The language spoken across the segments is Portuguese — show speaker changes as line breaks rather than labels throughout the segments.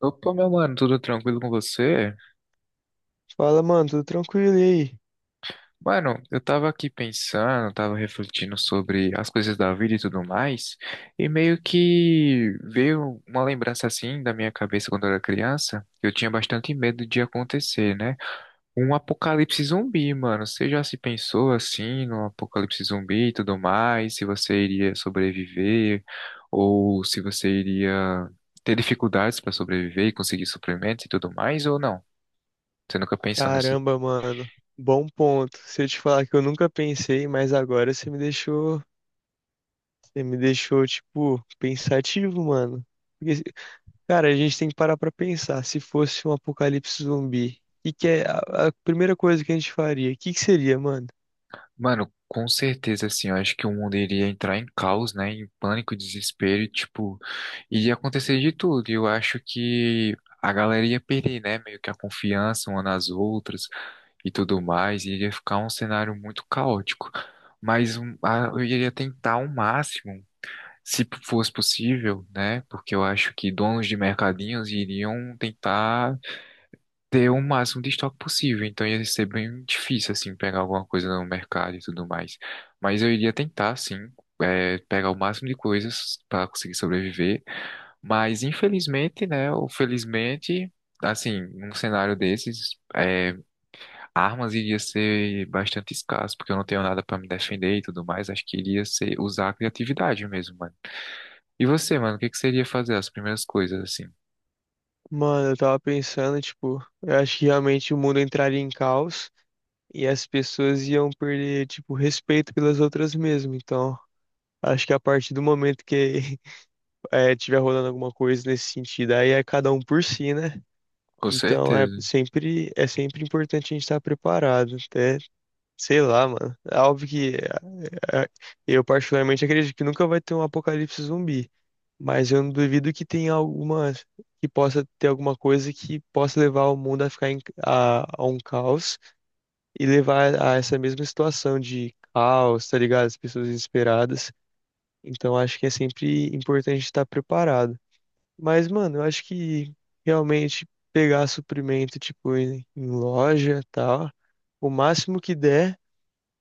Opa, meu mano, tudo tranquilo com você?
Fala, mano, tudo tranquilo e aí?
Mano, eu tava aqui pensando, tava refletindo sobre as coisas da vida e tudo mais, e meio que veio uma lembrança assim da minha cabeça quando eu era criança, que eu tinha bastante medo de acontecer, né? Um apocalipse zumbi, mano. Você já se pensou assim no apocalipse zumbi e tudo mais? Se você iria sobreviver ou se você iria ter dificuldades para sobreviver e conseguir suprimentos e tudo mais ou não? Você nunca pensou nessas.
Caramba, mano, bom ponto. Se eu te falar que eu nunca pensei, mas agora você me deixou, tipo, pensativo, mano. Porque, se- Cara, a gente tem que parar pra pensar. Se fosse um apocalipse zumbi, o que que é a primeira coisa que a gente faria? O que que seria, mano?
Mano, com certeza, assim, eu acho que o mundo iria entrar em caos, né? Em pânico, desespero, e, tipo, iria acontecer de tudo. E eu acho que a galera ia perder, né? Meio que a confiança uma nas outras e tudo mais. Iria ficar um cenário muito caótico. Mas eu iria tentar o máximo, se fosse possível, né? Porque eu acho que donos de mercadinhos iriam tentar ter o máximo de estoque possível, então ia ser bem difícil, assim, pegar alguma coisa no mercado e tudo mais. Mas eu iria tentar, sim, pegar o máximo de coisas para conseguir sobreviver. Mas infelizmente, né, ou felizmente, assim, num cenário desses, armas iria ser bastante escasso, porque eu não tenho nada para me defender e tudo mais. Acho que iria ser usar a criatividade mesmo, mano. E você, mano, o que que você iria fazer? As primeiras coisas, assim.
Mano, eu tava pensando, tipo, eu acho que realmente o mundo entraria em caos e as pessoas iam perder, tipo, respeito pelas outras mesmo. Então, acho que a partir do momento que tiver rolando alguma coisa nesse sentido. Aí é cada um por si, né?
Com
Então
certeza.
é sempre importante a gente estar preparado. Até, sei lá, mano. É óbvio que é, é, eu particularmente acredito que nunca vai ter um apocalipse zumbi. Mas eu não duvido que tenha alguma, que possa ter alguma coisa que possa levar o mundo a um caos e levar a essa mesma situação de caos, tá ligado? As pessoas desesperadas. Então acho que é sempre importante estar preparado. Mas, mano, eu acho que realmente pegar suprimento, tipo, em loja e tal, o máximo que der.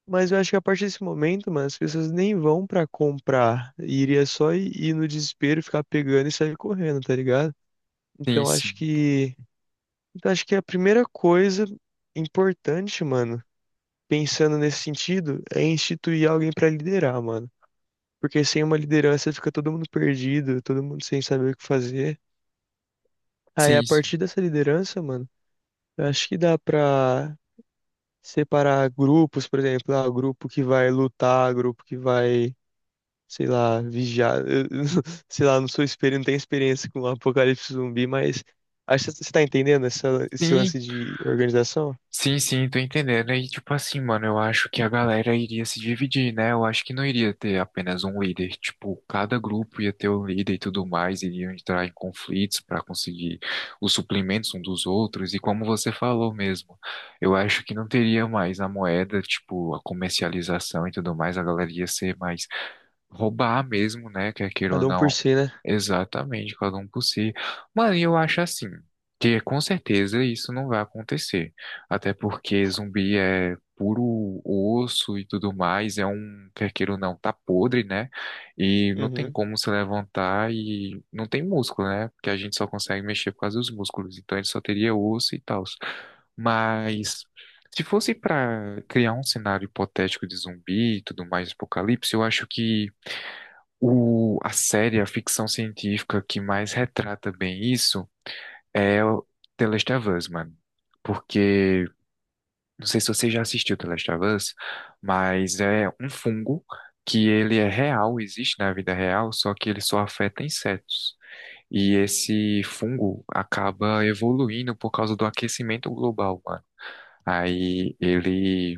Mas eu acho que a partir desse momento, mano, as pessoas nem vão pra comprar. Iria só ir no desespero, ficar pegando e sair correndo, tá ligado?
Sim,
Então acho
sim.
que. Então acho que a primeira coisa importante, mano, pensando nesse sentido, é instituir alguém pra liderar, mano. Porque sem uma liderança fica todo mundo perdido, todo mundo sem saber o que fazer. Aí, a
Sim, sim.
partir dessa liderança, mano. Eu acho que dá pra separar grupos, por exemplo, ah, o grupo que vai lutar, grupo que vai, sei lá, vigiar. Sei lá, não sou experiente, não tenho experiência com apocalipse zumbi, mas acho que você tá entendendo esse
Sim,
lance de organização?
Sim, sim, tô entendendo. E tipo assim, mano, eu acho que a galera iria se dividir, né? Eu acho que não iria ter apenas um líder. Tipo, cada grupo ia ter um líder e tudo mais, iriam entrar em conflitos para conseguir os suplementos um dos outros. E como você falou mesmo, eu acho que não teria mais a moeda, tipo, a comercialização e tudo mais, a galera ia ser mais. Roubar mesmo, né? Quer queira ou
Cada um por
não.
si, né?
Exatamente, cada um por si. Mano, e eu acho assim, que com certeza isso não vai acontecer. Até porque zumbi é puro osso e tudo mais, é um, quer queira ou não, tá podre, né? E não tem
Uhum.
como se levantar e não tem músculo, né? Porque a gente só consegue mexer por causa dos músculos. Então ele só teria osso e tal. Mas. Se fosse para criar um cenário hipotético de zumbi e tudo mais, apocalipse, eu acho que a série, a ficção científica que mais retrata bem isso é o The Last of Us, mano. Porque, não sei se você já assistiu The Last of Us, mas é um fungo que ele é real, existe na vida real, só que ele só afeta insetos. E esse fungo acaba evoluindo por causa do aquecimento global, mano. Aí ele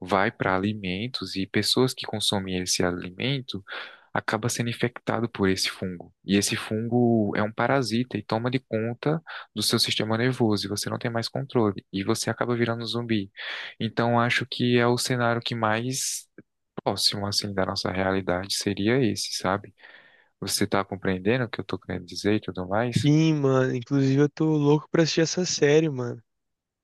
vai para alimentos e pessoas que consomem esse alimento acaba sendo infectado por esse fungo. E esse fungo é um parasita e toma de conta do seu sistema nervoso e você não tem mais controle e você acaba virando um zumbi. Então acho que é o cenário que mais próximo assim da nossa realidade seria esse, sabe? Você tá compreendendo o que eu tô querendo dizer e tudo mais?
Sim, mano. Inclusive, eu tô louco pra assistir essa série, mano.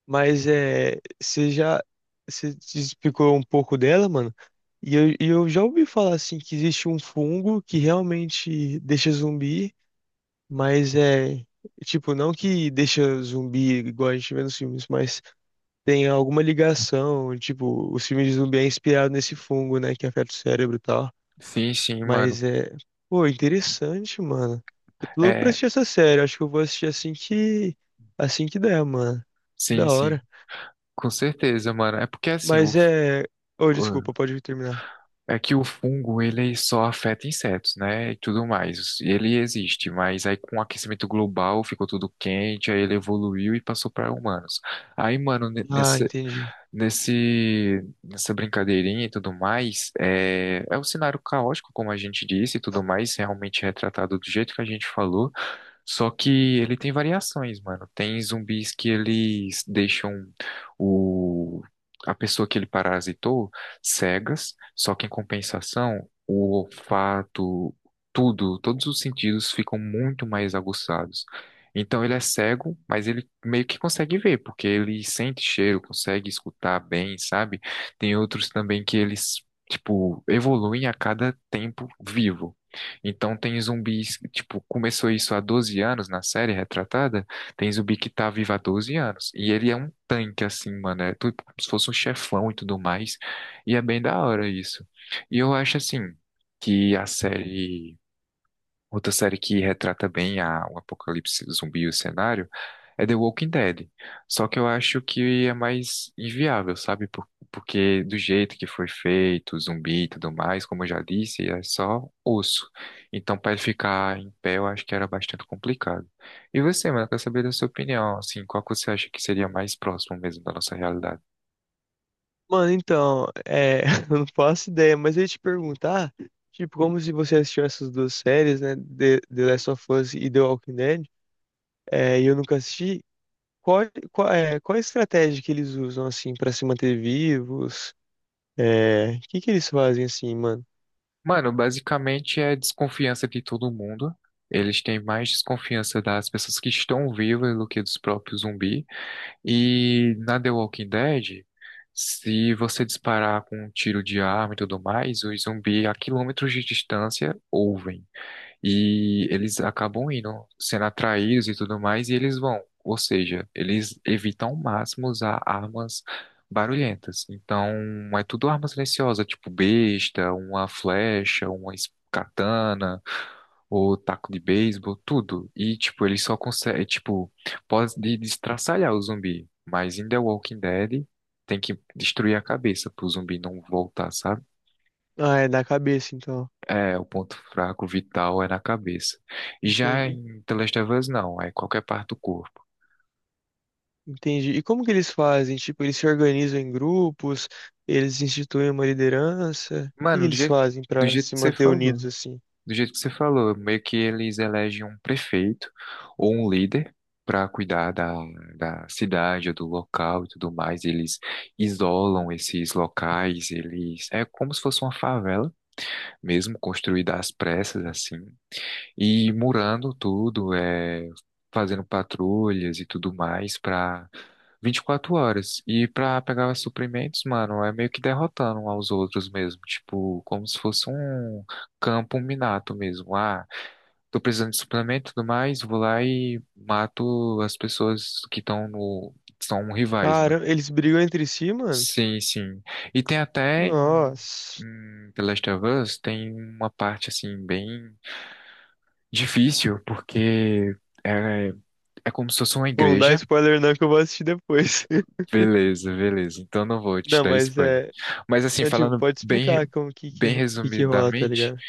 Mas é. Você já. Você te explicou um pouco dela, mano? E eu já ouvi falar assim que existe um fungo que realmente deixa zumbi. Mas é, tipo, não que deixa zumbi igual a gente vê nos filmes, mas tem alguma ligação, tipo, os filmes de zumbi é inspirado nesse fungo, né, que afeta o cérebro e tal.
Sim, sim, mano.
Mas é, pô, interessante, mano. Eu tô louco pra
É,
assistir essa série, acho que eu vou assistir assim que der, mano.
sim,
Da
sim.
hora.
Com certeza, mano. É porque assim,
Mas é, ô, desculpa, pode terminar.
é que o fungo, ele só afeta insetos, né? E tudo mais. Ele existe, mas aí com o aquecimento global ficou tudo quente, aí ele evoluiu e passou para humanos. Aí, mano,
Ah, entendi.
nessa brincadeirinha e tudo mais, é um cenário caótico, como a gente disse, e tudo mais, realmente retratado do jeito que a gente falou. Só que ele tem variações, mano. Tem zumbis que eles deixam o... a pessoa que ele parasitou cegas, só que em compensação, o olfato, tudo, todos os sentidos ficam muito mais aguçados. Então ele é cego, mas ele meio que consegue ver, porque ele sente cheiro, consegue escutar bem, sabe? Tem outros também que eles, tipo, evoluem a cada tempo vivo. Então tem zumbis, tipo, começou isso há 12 anos na série retratada, tem zumbi que tá vivo há 12 anos. E ele é um tanque, assim, mano, é tudo como se fosse um chefão e tudo mais. E é bem da hora isso. E eu acho, assim, que a série. Outra série que retrata bem o apocalipse zumbi e o cenário é The Walking Dead. Só que eu acho que é mais inviável, sabe? Porque do jeito que foi feito, zumbi e tudo mais, como eu já disse, é só osso. Então, para ele ficar em pé, eu acho que era bastante complicado. E você, mano, eu quero saber da sua opinião, assim, qual que você acha que seria mais próximo mesmo da nossa realidade?
Mano, então, é, eu não faço ideia, mas eu ia te perguntar, tipo, como se você assistiu essas duas séries, né, The Last of Us e The Walking Dead, é, e eu nunca assisti, qual, qual a estratégia que eles usam, assim, pra se manter vivos? É, o que que eles fazem, assim, mano?
Mano, basicamente é desconfiança de todo mundo. Eles têm mais desconfiança das pessoas que estão vivas do que dos próprios zumbi. E na The Walking Dead, se você disparar com um tiro de arma e tudo mais, os zumbi a quilômetros de distância ouvem. E eles acabam indo, sendo atraídos e tudo mais, e eles vão. Ou seja, eles evitam ao máximo usar armas barulhentas. Então, é tudo arma silenciosa, tipo besta, uma flecha, uma katana, ou taco de beisebol, tudo. E, tipo, eles só conseguem, tipo, pode destraçalhar o zumbi. Mas em The Walking Dead, tem que destruir a cabeça pro zumbi não voltar, sabe?
Ah, é da cabeça, então.
É, o ponto fraco vital é na cabeça. Já
Entendi.
em The Last of Us, não, é qualquer parte do corpo.
Entendi. E como que eles fazem? Tipo, eles se organizam em grupos, eles instituem uma liderança, o que que
Mano,
eles fazem
do
pra
jeito
se
que você
manter
falou,
unidos, assim?
do jeito que você falou, meio que eles elegem um prefeito ou um líder para cuidar da, da cidade, ou do local e tudo mais. Eles isolam esses locais, eles. É como se fosse uma favela mesmo, construída às pressas, assim, e murando tudo, é, fazendo patrulhas e tudo mais para 24 horas. E pra pegar suprimentos, mano, é meio que derrotando um aos outros mesmo. Tipo, como se fosse um campo minado mesmo. Ah, tô precisando de suplemento e tudo mais, vou lá e mato as pessoas que estão no. São rivais, mano.
Caramba, eles brigam entre si, mano?
Sim, sim. E tem até
Nossa.
em The Last of Us, tem uma parte assim, bem difícil, porque é, é como se fosse uma
Bom, não dá
igreja.
spoiler não que eu vou assistir depois.
Beleza, beleza. Então não vou te
Não,
dar
mas
spoiler.
é.
Mas assim,
É, tipo,
falando
pode
bem,
explicar como que que,
bem
ro- que, que rola, tá
resumidamente,
ligado?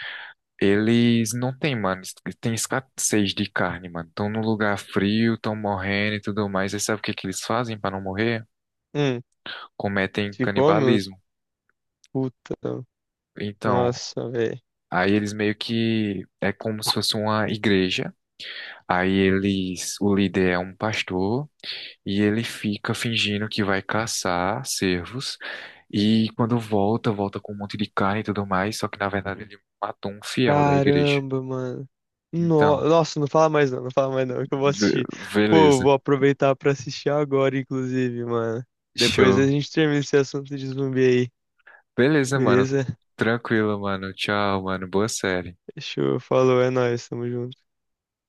eles não têm, mano, tem escassez de carne, mano. Estão num lugar frio, estão morrendo e tudo mais. E sabe o que que eles fazem para não morrer?
Hum,
Cometem
se come?
canibalismo.
Puta.
Então,
Nossa, velho.
aí eles meio que é como se fosse uma igreja. Aí eles, o líder é um pastor. E ele fica fingindo que vai caçar cervos e quando volta, volta com um monte de carne e tudo mais, só que na verdade ele matou um fiel da igreja.
Caramba, mano.
Então,
Nossa, não fala mais não, não fala mais não, que eu vou
be-
assistir. Pô, eu
beleza,
vou aproveitar pra assistir agora, inclusive, mano. Depois a
show.
gente termina esse assunto de zumbi aí,
Beleza, mano.
beleza?
Tranquilo, mano. Tchau, mano. Boa série.
Show, falou, é nóis, tamo junto.